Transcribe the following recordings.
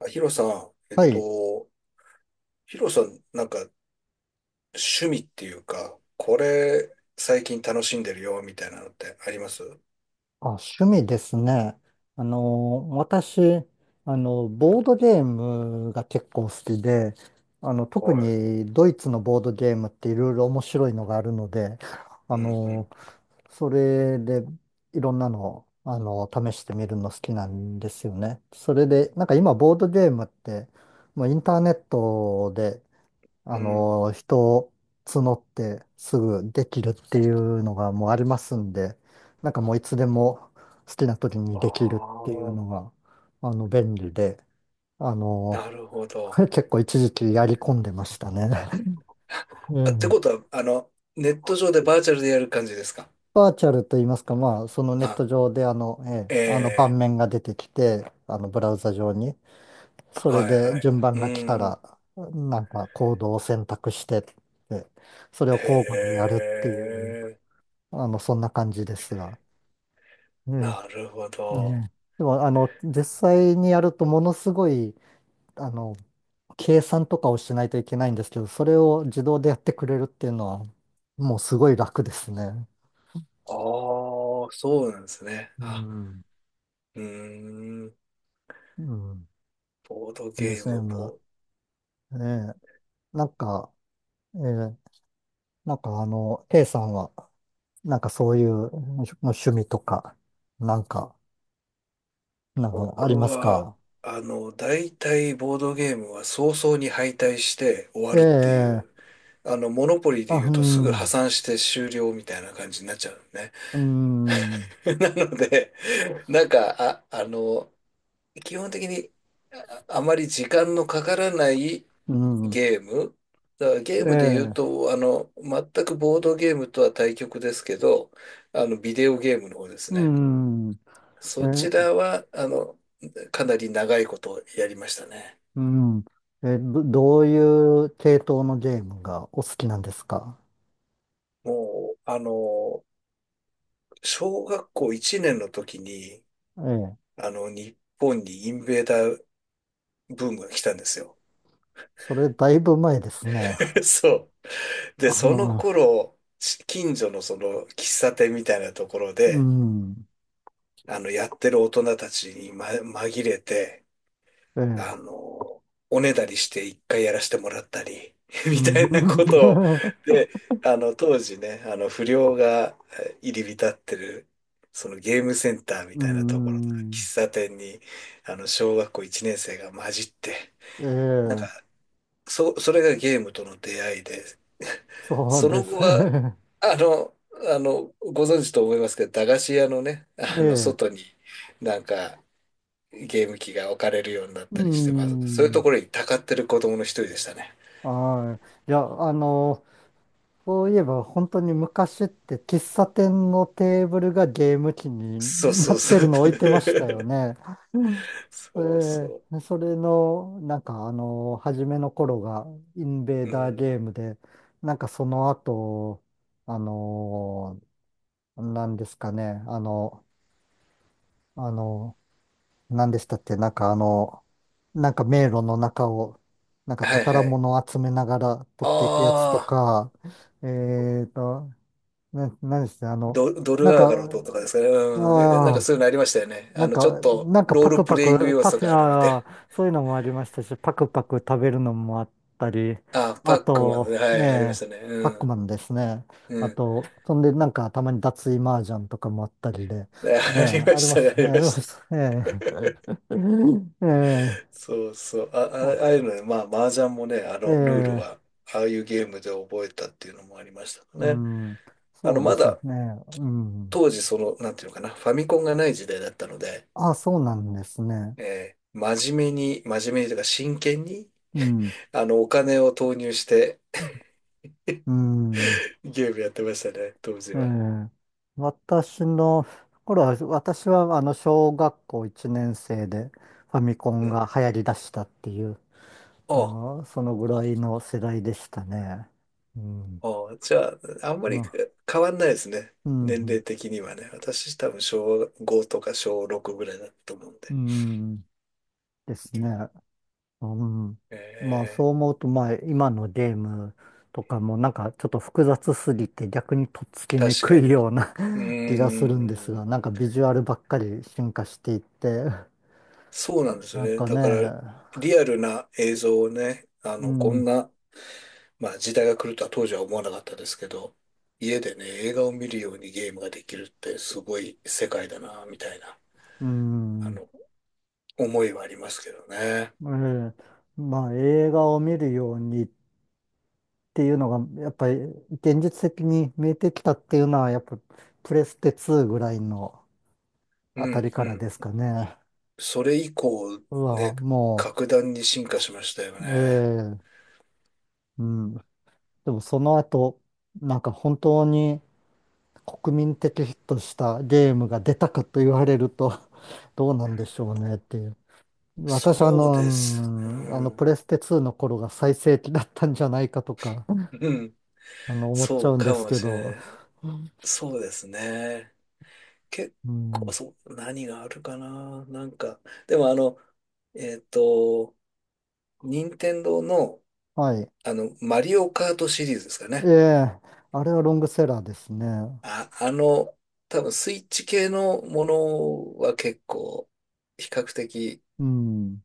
ヒロさん、はい。ヒロさん、なんか趣味っていうか、これ最近楽しんでるよみたいなのってあります？あ、趣味ですね。私、ボードゲームが結構好きで、特はい。にドイツのボードゲームっていろいろ面白いのがあるので、あうんうの、ん。それでいろんなの、試してみるの好きなんですよね。それで、なんか今ボードゲームって、もうインターネットでうん。人を募ってすぐできるっていうのがもうありますんで、なんかもういつでも好きな時にあできるっていうあ、のが、便利で、あなの、るほど。結構一時期やり込んでましたね。うあ、ってん。ことは、ネット上でバーチャルでやる感じですか？バーチャルと言いますか、まあ、そのネッあ、ト上でええ、あの盤ええ、面が出てきて、あのブラウザ上に、そはれいではい。順番うが来たん。ら、なんかコードを選択してって、それへを交互にやるっていう。え、そんな感じですが。うん。なるほど。ねでも、実際にやるとものすごい、あの、計算とかをしないといけないんですけど、それを自動でやってくれるっていうのは、もうすごい楽ですね。ああ、そうなんですね。うあ、ん。うーん。うん。ボード d ゲ s ーム、ムボええ。なんか、ええ、なんかK さんは、なんかそういう趣味とか、なんか、なんかあ僕りますは、か？大体ボードゲームは早々に敗退して終わえるっていう、え、モノポリーあ、で言ううとすぐ破ん、産して終了みたいな感じになっちゃうのね。うん、なので、なんか、あ、あの、基本的にあまり時間のかからないうん、ゲーム。だからえゲームで言うえ。と、全くボードゲームとは対極ですけど、ビデオゲームの方ですうね。ん。え、そちらは、かなり長いことやりましたね。うん。え、どういう系統のゲームがお好きなんですか？もう、小学校1年の時に、ええ。日本にインベーダーブームが来たんですよ。それだいぶ前ですね。そう。で、あそのの、頃、近所のその喫茶店みたいなところうで、ん。やってる大人たちに、紛れて、ええ。あの、おねだりして一回やらせてもらったり、うみたん。いなことを、で、当時ね、不良が入り浸ってる、そのゲームセンターみうたいなところとか、ん。喫茶店に、小学校1年生が混じって、えなんえ。か、それがゲームとの出会いで、そうそでのす。後は、あの、ご存知と思いますけど、駄菓子屋のね、え外え。に、なんか、ゲーム機が置かれるようになっうたりして、まあ、そういうとん。ころにたかってる子供の一人でしたね。はい。いや、そういえば本当に昔って喫茶店のテーブルがゲーム機にそうなそうっそてるう。の置いてましたよね。うん そうえーそそれの、なんか初めの頃がインベう。ーうダーゲーん。ムで、なんかその後、あのなんですかね、あの、なんでしたっけ、なんかなんか迷路の中を、なんかはい宝はい。物を集めながら取っていくやつとああ、か、えーと、何して、ド、ドなんルアーか、ガの塔とかですかね。うん。ああ、そういうのありましたよね。なんちょっか、となんかローパルクプパレイングク、要パ素ク、があるみたいあな。あ、そういうのもありましたし、パクパク食べるのもあったり、ああ、パあックマンと、ね。はい、ありまねしたね。え、パうックん。マンですね。うあん。と、そんで、なんか、たまに脱衣麻雀とかもあったりで、あねえ、ありまありしまたね、しあたね、りあまりましした。たね。ええ、ええ、そうそう。まああいうあのね、まあ、麻雀もね、えルールえ、は、ああいうゲームで覚えたっていうのもありましたうね。ん、そうでますね、だうん。当時なんていうのかな、ファミコンがない時代だったので、あ、そうなんですね。真面目に、真面目にというか真剣に、うん、お金を投入してうん。ゲームやってましたね、当時えは。え、私の頃は、私はあの小学校1年生でファミコうンん。が流行り出したっていう、あそのぐらいの世代でしたね。うん。あ、ああじゃあ、あんまりな変わんないですね。う年ん。齢的にはね。私多分小5とか小6ぐらいだったと思うんうで。ん。ですね。うん。まあそうえ思うと、まあ今のゲームとかもなんかちょっと複雑すぎて逆にとっつきにー、く確かいに。ような う 気がするんですーが、ん、なんかビジュアルばっかり進化していって、そうなんですよなんね。かだね、から、リアルな映像をね、うこんん。な、まあ時代が来るとは当時は思わなかったですけど、家でね、映画を見るようにゲームができるってすごい世界だな、みたいな、うあん、の、思いはありますけどね。ええ、まあ映画を見るようにっていうのが、やっぱり現実的に見えてきたっていうのは、やっぱプレステ2ぐらいのあうたん、りかうらん。ですかね。それ以降、うわ、ね、も格段に進化しましたよう、ね。ええ、うん。でもその後、なんか本当に国民的ヒットしたゲームが出たかと言われると、どうなんでしょうねっていう。私はそううです。うんん。プレステ2の頃が最盛期だったんじゃないかとか、うん。思っちそゃううんでかすもけしど。れない。そうですね。結う構、ん。そう、何があるかな。でもえっと、任天堂の、はい。マリオカートシリーズですかえね。え、あれはロングセラーですね。あ、あの、多分スイッチ系のものは結構、比較的、うん。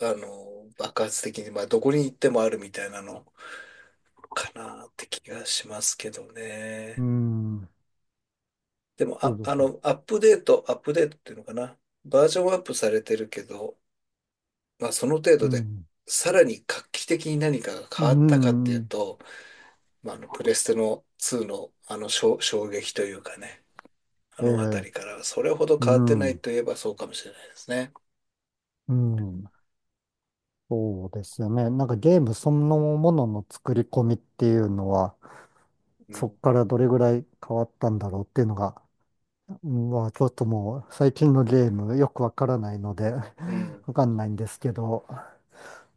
爆発的に、まあ、どこに行ってもあるみたいなのかなって気がしますけどうね。ん。でも、そうですか。アップデート、アップデートっていうのかな。バージョンアップされてるけど、まあ、その程う度で、ん。さらに画期的に何かがう変わったかっていうん。と、まあ、プレステの2の、衝撃というかね。あえの辺え、りからそれほどう変わってないん。といえばそうかもしれないですね。うん。そうですよね。なんかゲームそのものの作り込みっていうのは、うそこんからどれぐらい変わったんだろうっていうのが、うんまあちょっともう最近のゲームよくわからないので、う ん。わかんないんですけど。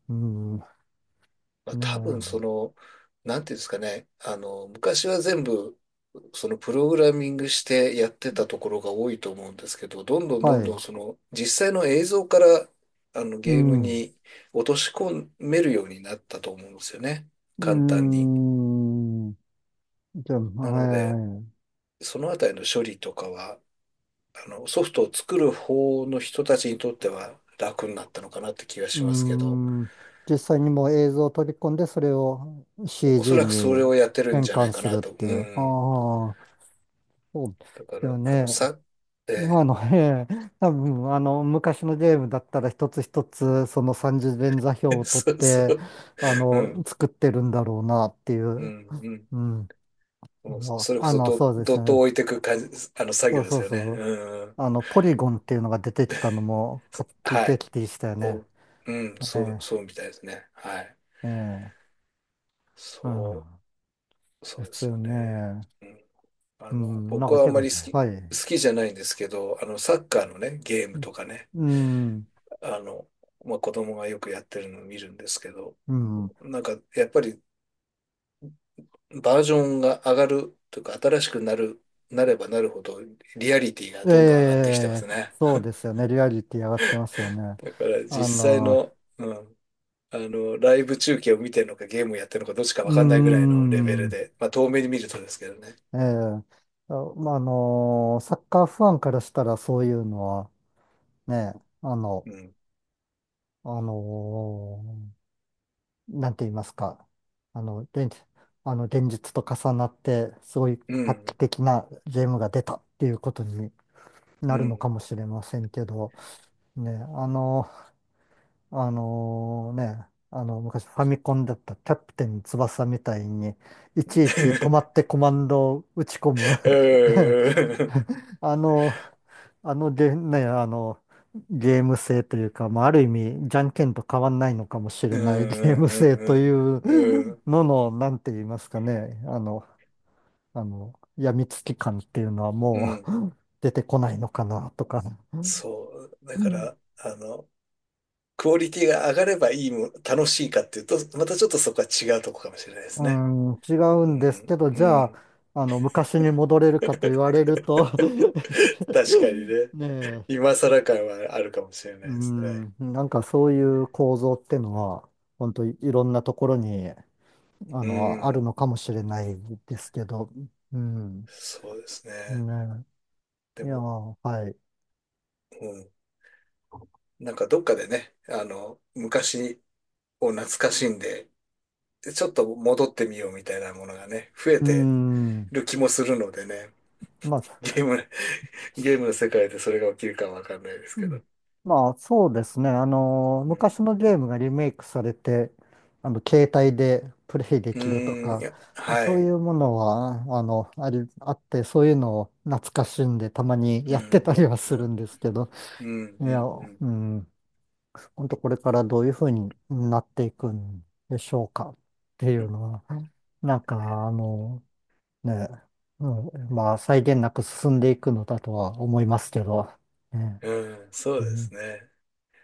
うん。ねまあ、多分え。なんていうんですかね、昔は全部、そのプログラミングしてやってたところが多いと思うんですけど、どんどんどはんどい。んその実際の映像からうゲームん。に落とし込めるようになったと思うんですよね。う簡単ーに。ん。じゃあ、なはので、いはい。そのあたりの処理とかは、ソフトを作る方の人たちにとっては楽になったのかなって気がうーしますけど。ん。実際にもう映像を取り込んで、それを おそ CG らくそれにをやってるん変じゃな換いかするなっと。てういう。あん。あ、そうでだかすよら、あの、ね。さ、えええ、多分、昔のゲームだったら一つ一つ、その三次元座標え を取っそうそて、う。うん。作ってるんだろうなっていうう。ん。うん。うん。もうそそれこそど、そうでどすっとね。置いていく感じ、作そ業うでそすうよね。そううん。ポリゴンっていうのが出てきたのもそ画期はい。的でしたよお、ね。うん。えそう、そえ、うみたいですね。はい。ええ、うそん。う、そでうですすよよね。ね。うん。うん、なん僕かはあ結ん構まりね、好はい。きじゃないんですけど、サッカーのね、ゲームとかね、うん、あの、まあ、子供がよくやってるのを見るんですけど、うん。やっぱりバージョンが上がるというか、新しくなる、なればなるほど、リアリティがえどんどん上がってきてまえ、すね。そうですよね。リアリティ上がってますよね。だからあ実際の、の、うん、ライブ中継を見てるのか、ゲームやってるのか、どっちかうーわかんないぐらいのレベルん、で、まあ、遠目に見るとですけどね。ええ、あまあ、サッカーファンからしたらそういうのはね、あうの、ん。あのなんて言いますか、あの、現あの、現実と重なって、すごいう画期ん。的なゲームが出たっていうことにうなるのん。かもしれませんけど、ね、あの、あのね、昔ファミコンだったキャプテン翼みたいに、いちいち止まっ てコマンドを打ち込む うん。あの、あのゲ、ね、ゲーム性というか、まあ、ある意味、じゃんけんと変わんないのかもしうれない ゲーム性といん。ううん。うんのの、なんて言いますかね、やみつき感っていうのはうもん。う 出てこないのかなとか。そう。だから、クオリティが上がればいいも、楽しいかっていうと、またちょっとそこは違うとこかもしれないですうね。ん、違ううんですけん、ど、じうゃあ、ん。昔に戻れるかと言われると 確かにね。ねえ、今更感はあるかもしれなういですね。ん、なんかそういう構造ってのは、本当いいろんなところにうあるん。のかもしれないですけど、うん、そうですね。ね、いでやも、ー、はい。うん。どっかでね、昔を懐かしんで、ちょっと戻ってみようみたいなものがね、増えうてん、る気もするのでね。まあ、ゲーム、ゲーすムの世界でそれが起きるかわかんないですうけど。んまあ、そうですね。うん。昔のゲームがリメイクされて、携帯でプレイでうきるとーん、いか、や、はそういい。うものは、あの、あり、あって、そういうのを懐かしんで、たまにうやってたりん、はうん、うするんん。ですけど、うん、いうや、ん、ううん。ん。本当これからどういうふうになっていくんでしょうかっていうのは、なんかね、うん、まあ際限なく進んでいくのだとは思いますけど、ね、うん、そううですんね。